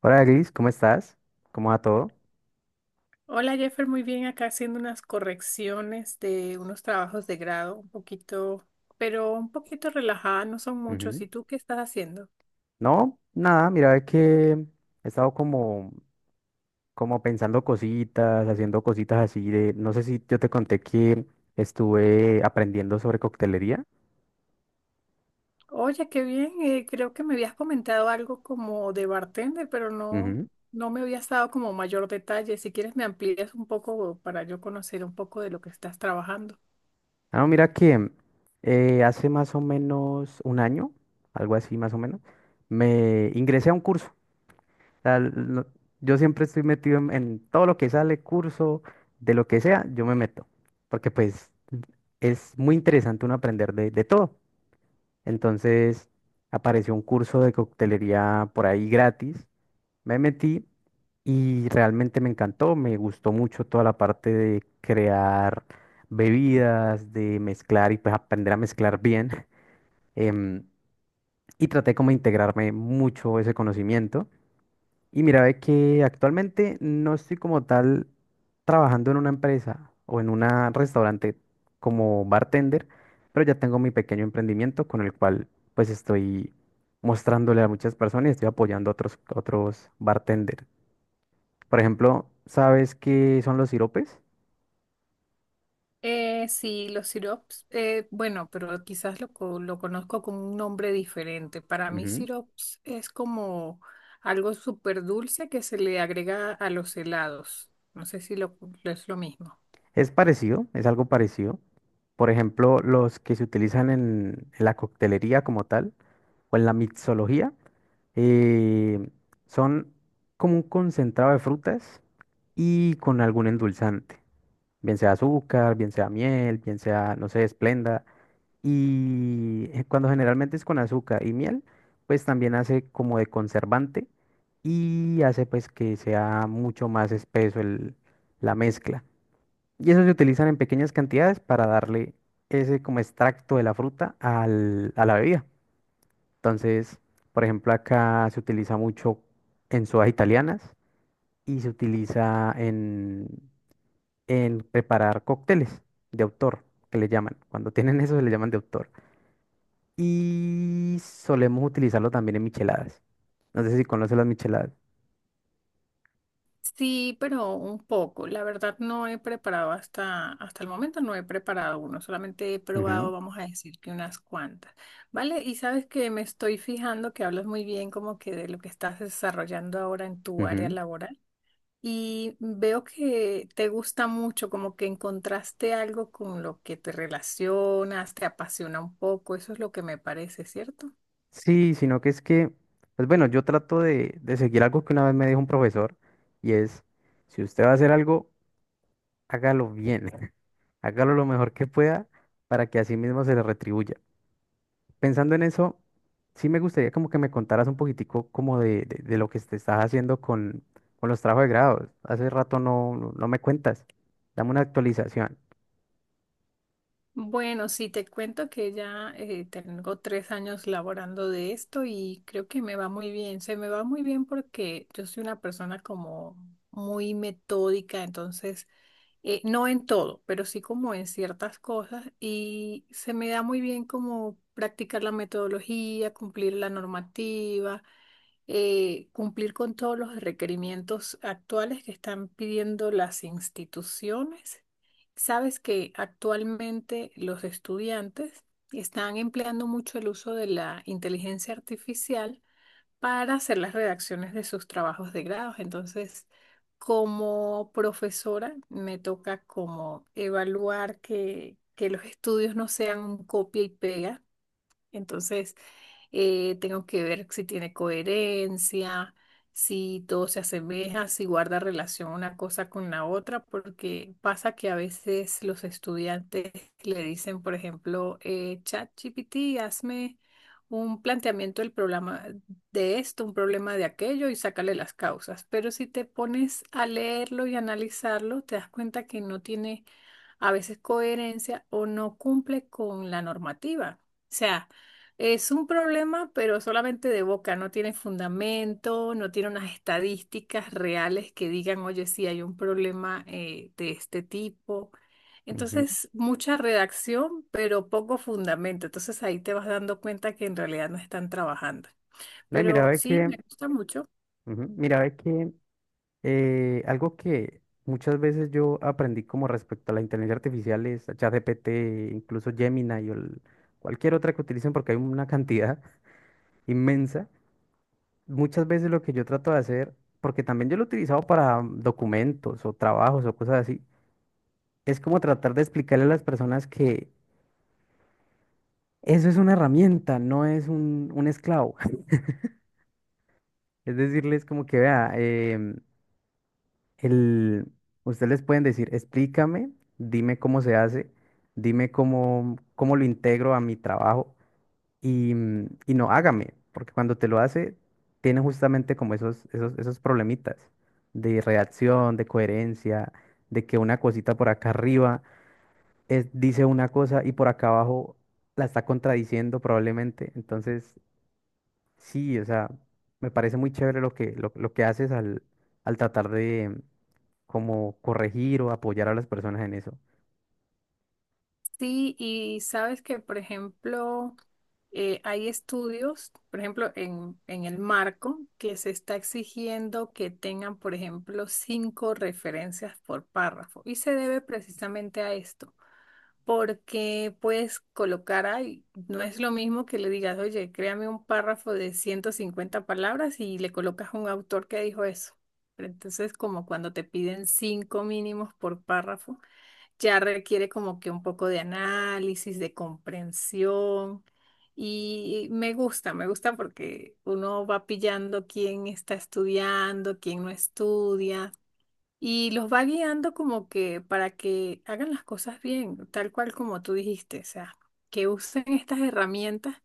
Hola Gris, ¿cómo estás? ¿Cómo va todo? Hola Jeffer, muy bien, acá haciendo unas correcciones de unos trabajos de grado, un poquito, pero un poquito relajada, no son muchos. Ujú. ¿Y tú qué estás haciendo? No, nada, mira que he estado como, como pensando cositas, haciendo cositas así de, no sé si yo te conté que estuve aprendiendo sobre coctelería. Oye, qué bien, creo que me habías comentado algo como de bartender, pero no, Ujú. no me habías dado como mayor detalle. Si quieres me amplías un poco para yo conocer un poco de lo que estás trabajando. Ah, no, mira que hace más o menos un año, algo así más o menos, me ingresé a un curso sea, lo- yo siempre estoy metido en todo lo que sale, curso, de lo que sea, yo me meto. Porque pues es muy interesante uno aprender de todo. Entonces apareció un curso de coctelería por ahí gratis. Me metí y realmente me encantó. Me gustó mucho toda la parte de crear bebidas, de mezclar y pues aprender a mezclar bien. em, y traté como de integrarme mucho ese conocimiento. Y mira, es que actualmente no estoy como tal trabajando en una empresa o en un restaurante como bartender, pero ya tengo mi pequeño emprendimiento con el cual pues estoy mostrándole a muchas personas y estoy apoyando a otros bartenders. Por ejemplo, ¿sabes qué son los siropes? Sí, los sirops, bueno, pero quizás lo conozco con un nombre diferente. Para mí, Ujú. sirops es como algo súper dulce que se le agrega a los helados. No sé si lo, es lo mismo. Es parecido, es algo parecido. Por ejemplo, los que se utilizan en la coctelería como tal o en la mixología. Eh, son como un concentrado de frutas y con algún endulzante, bien sea azúcar, bien sea miel, bien sea, no sé, esplenda. Y cuando generalmente es con azúcar y miel, pues también hace como de conservante y hace pues que sea mucho más espeso la mezcla. Y eso se utilizan en pequeñas cantidades para darle ese como extracto de la fruta a la bebida. Entonces, por ejemplo, acá se utiliza mucho en sodas italianas y se utiliza en preparar cócteles de autor, que le llaman. Cuando tienen eso, se le llaman de autor. Y solemos utilizarlo también en micheladas. No sé si conoces las micheladas. Sí, pero un poco. La verdad, no he preparado hasta el momento, no he preparado uno. Solamente he probado, vamos a decir que unas cuantas. ¿Vale? Y sabes que me estoy fijando que hablas muy bien como que de lo que estás desarrollando ahora en Ujú, tu ujú. área laboral. Y veo que te gusta mucho, como que encontraste algo con lo que te relacionas, te apasiona un poco, eso es lo que me parece, ¿cierto? Sí, sino que es que, pues bueno, yo trato de seguir algo que una vez me dijo un profesor y es, si usted va a hacer algo, hágalo bien, hágalo lo mejor que pueda para que así mismo se le retribuya. Pensando en eso, sí me gustaría como que me contaras un poquitico como de, de lo que te estás haciendo con los trabajos de grado. Hace rato no me cuentas. Dame una actualización. Bueno, sí, te cuento que ya tengo 3 años laborando de esto y creo que me va muy bien. Se me va muy bien porque yo soy una persona como muy metódica, entonces, no en todo, pero sí como en ciertas cosas y se me da muy bien como practicar la metodología, cumplir la normativa. Cumplir con todos los requerimientos actuales que están pidiendo las instituciones. Sabes que actualmente los estudiantes están empleando mucho el uso de la inteligencia artificial para hacer las redacciones de sus trabajos de grados. Entonces, como profesora, me toca como evaluar que los estudios no sean un copia y pega. Entonces, tengo que ver si tiene coherencia, si todo se asemeja, si guarda relación una cosa con la otra, porque pasa que a veces los estudiantes le dicen, por ejemplo, ChatGPT, hazme un planteamiento del problema de esto, un problema de aquello y sácale las causas. Pero si te pones a leerlo y analizarlo, te das cuenta que no tiene a veces coherencia o no cumple con la normativa. O sea, es un problema, pero solamente de boca, no tiene fundamento, no tiene unas estadísticas reales que digan, oye, sí hay un problema de este tipo. Ujú. Entonces, mucha redacción, pero poco fundamento. Entonces ahí te vas dando cuenta que en realidad no están trabajando. No, y mira, Pero ve sí, que, me gusta mucho. ujú, mira, ve que algo que muchas veces yo aprendí como respecto a la inteligencia artificial es a ChatGPT, incluso Gemini y cualquier otra que utilicen porque hay una cantidad inmensa. Muchas veces lo que yo trato de hacer, porque también yo lo he utilizado para documentos o trabajos o cosas así, es como tratar de explicarle a las personas que eso es una herramienta, no es un esclavo. Es decirles como que, vea, el, ustedes les pueden decir, explícame, dime cómo se hace, dime cómo, cómo lo integro a mi trabajo. Y, y no hágame, porque cuando te lo hace, tiene justamente como esos problemitas de reacción, de coherencia, de que una cosita por acá arriba dice una cosa y por acá abajo la está contradiciendo probablemente. Entonces, sí, o sea, me parece muy chévere lo que, lo que haces al, al tratar de como corregir o apoyar a las personas en eso. Sí, y sabes que, por ejemplo, hay estudios, por ejemplo, en el marco, que se está exigiendo que tengan, por ejemplo, 5 referencias por párrafo. Y se debe precisamente a esto, porque puedes colocar ahí, no es lo mismo que le digas, oye, créame un párrafo de 150 palabras y le colocas un autor que dijo eso. Pero entonces, como cuando te piden 5 mínimos por párrafo ya requiere como que un poco de análisis, de comprensión. Y me gusta porque uno va pillando quién está estudiando, quién no estudia, y los va guiando como que para que hagan las cosas bien, tal cual como tú dijiste, o sea, que usen estas herramientas,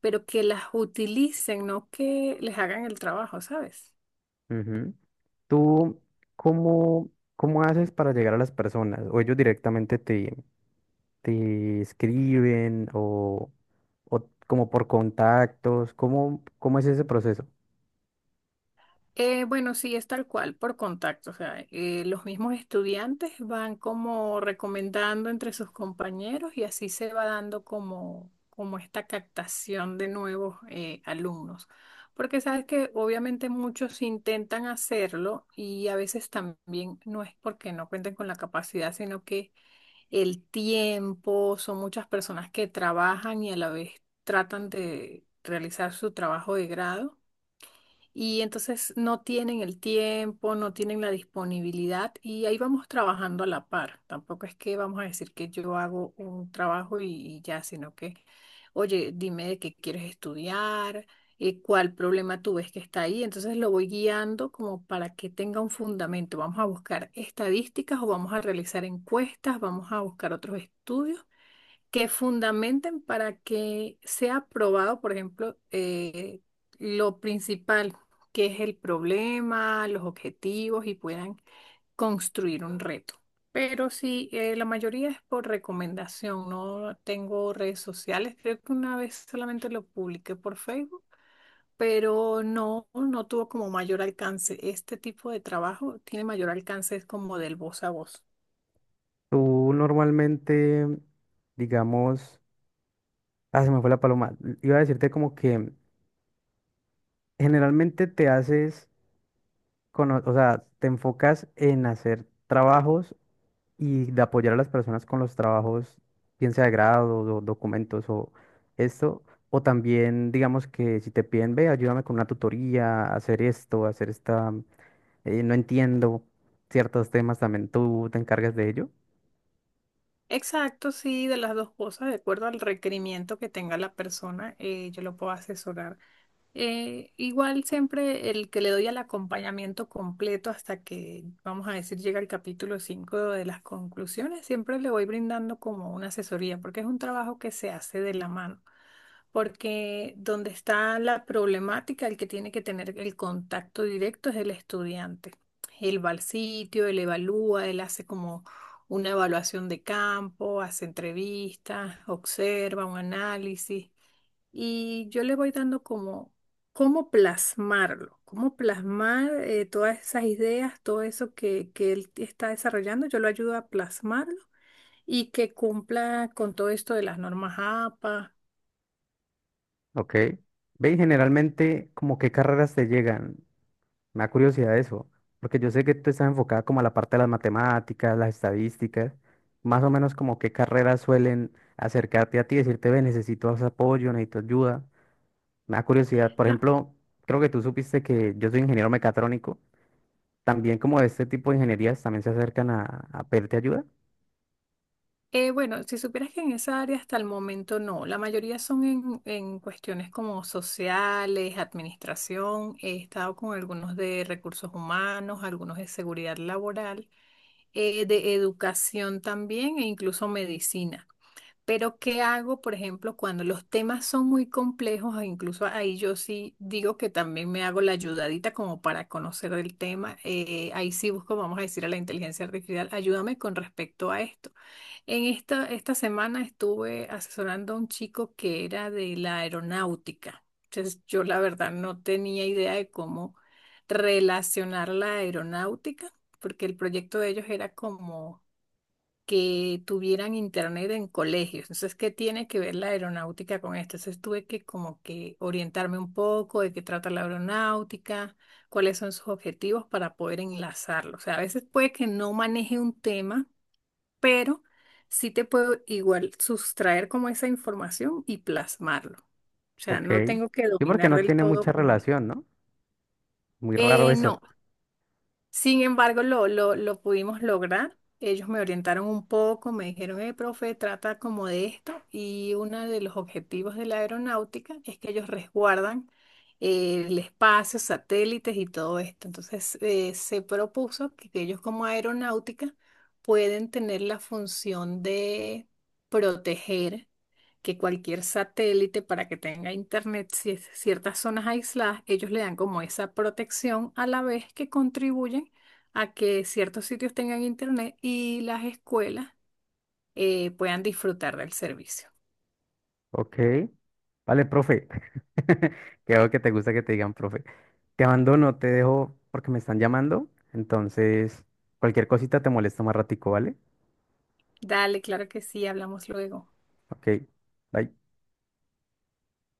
pero que las utilicen, no que les hagan el trabajo, ¿sabes? Ujú. ¿Tú cómo, cómo haces para llegar a las personas? ¿O ellos directamente te, te escriben o como por contactos? ¿Cómo, cómo es ese proceso? Bueno, sí, es tal cual, por contacto. O sea, los mismos estudiantes van como recomendando entre sus compañeros y así se va dando como esta captación de nuevos alumnos. Porque sabes que obviamente muchos intentan hacerlo y a veces también no es porque no cuenten con la capacidad, sino que el tiempo, son muchas personas que trabajan y a la vez tratan de realizar su trabajo de grado y entonces no tienen el tiempo, no tienen la disponibilidad y ahí vamos trabajando a la par. Tampoco es que vamos a decir que yo hago un trabajo y ya, sino que, oye, dime de qué quieres estudiar, cuál problema tú ves que está ahí. Entonces lo voy guiando como para que tenga un fundamento. Vamos a buscar estadísticas o vamos a realizar encuestas, vamos a buscar otros estudios que fundamenten para que sea aprobado, por ejemplo, lo principal, que es el problema, los objetivos y puedan construir un reto. Pero sí, la mayoría es por recomendación. No tengo redes sociales. Creo que una vez solamente lo publiqué por Facebook, pero no, no tuvo como mayor alcance. Este tipo de trabajo tiene mayor alcance, es como del voz a voz. Tú normalmente, digamos, ah, se me fue la paloma. Iba a decirte como que generalmente te haces, o sea, te enfocas en hacer trabajos y de apoyar a las personas con los trabajos, bien sea de grado, documentos o esto. O también, digamos que si te piden, ve, ayúdame con una tutoría, hacer esto, hacer esta. No entiendo ciertos temas también. ¿Tú te encargas de ello? Exacto, sí, de las dos cosas, de acuerdo al requerimiento que tenga la persona, yo lo puedo asesorar. Igual siempre el que le doy al acompañamiento completo hasta que, vamos a decir, llega el capítulo 5 de las conclusiones, siempre le voy brindando como una asesoría, porque es un trabajo que se hace de la mano porque donde está la problemática, el que tiene que tener el contacto directo es el estudiante. Él va al sitio, él evalúa, él hace como una evaluación de campo, hace entrevistas, observa un análisis y yo le voy dando como cómo plasmarlo, cómo plasmar todas esas ideas, todo eso que él está desarrollando, yo lo ayudo a plasmarlo y que cumpla con todo esto de las normas APA. Ok. Ve, y generalmente, ¿como qué carreras te llegan? Me da curiosidad eso, porque yo sé que tú estás enfocada como a la parte de las matemáticas, las estadísticas, más o menos como qué carreras suelen acercarte a ti, decirte, ve, necesito apoyo, necesito ayuda. Me da curiosidad, por ejemplo, creo que tú supiste que yo soy ingeniero mecatrónico, también como este tipo de ingenierías también se acercan a pedirte ayuda. Bueno, si supieras que en esa área hasta el momento no, la mayoría son en cuestiones como sociales, administración, he estado con algunos de recursos humanos, algunos de seguridad laboral, de educación también e incluso medicina. Pero ¿qué hago, por ejemplo, cuando los temas son muy complejos? E incluso ahí yo sí digo que también me hago la ayudadita como para conocer el tema. Ahí sí busco, vamos a decir, a la inteligencia artificial, ayúdame con respecto a esto. En esta semana estuve asesorando a un chico que era de la aeronáutica. Entonces, yo la verdad no tenía idea de cómo relacionar la aeronáutica, porque el proyecto de ellos era como que tuvieran internet en colegios. Entonces, ¿qué tiene que ver la aeronáutica con esto? Entonces, tuve que como que orientarme un poco de qué trata la aeronáutica, cuáles son sus objetivos para poder enlazarlo. O sea, a veces puede que no maneje un tema, pero sí te puedo igual sustraer como esa información y plasmarlo. O sea, Ok. no tengo que Sí, porque dominar no del tiene todo mucha como... relación, ¿no? Muy raro eso. no. Sin embargo, lo pudimos lograr. Ellos me orientaron un poco, me dijeron, profe, trata como de esto. Y uno de los objetivos de la aeronáutica es que ellos resguardan el espacio, satélites y todo esto. Entonces, se propuso que ellos como aeronáutica pueden tener la función de proteger que cualquier satélite para que tenga internet, si ciertas zonas aisladas, ellos le dan como esa protección a la vez que contribuyen a que ciertos sitios tengan internet y las escuelas puedan disfrutar del servicio. Ok. Vale, profe. Que veo que te gusta que te digan, profe. Te abandono, te dejo porque me están llamando. Entonces, cualquier cosita te molesta más ratico, ¿vale? Dale, claro que sí, hablamos luego. Ok. Bye.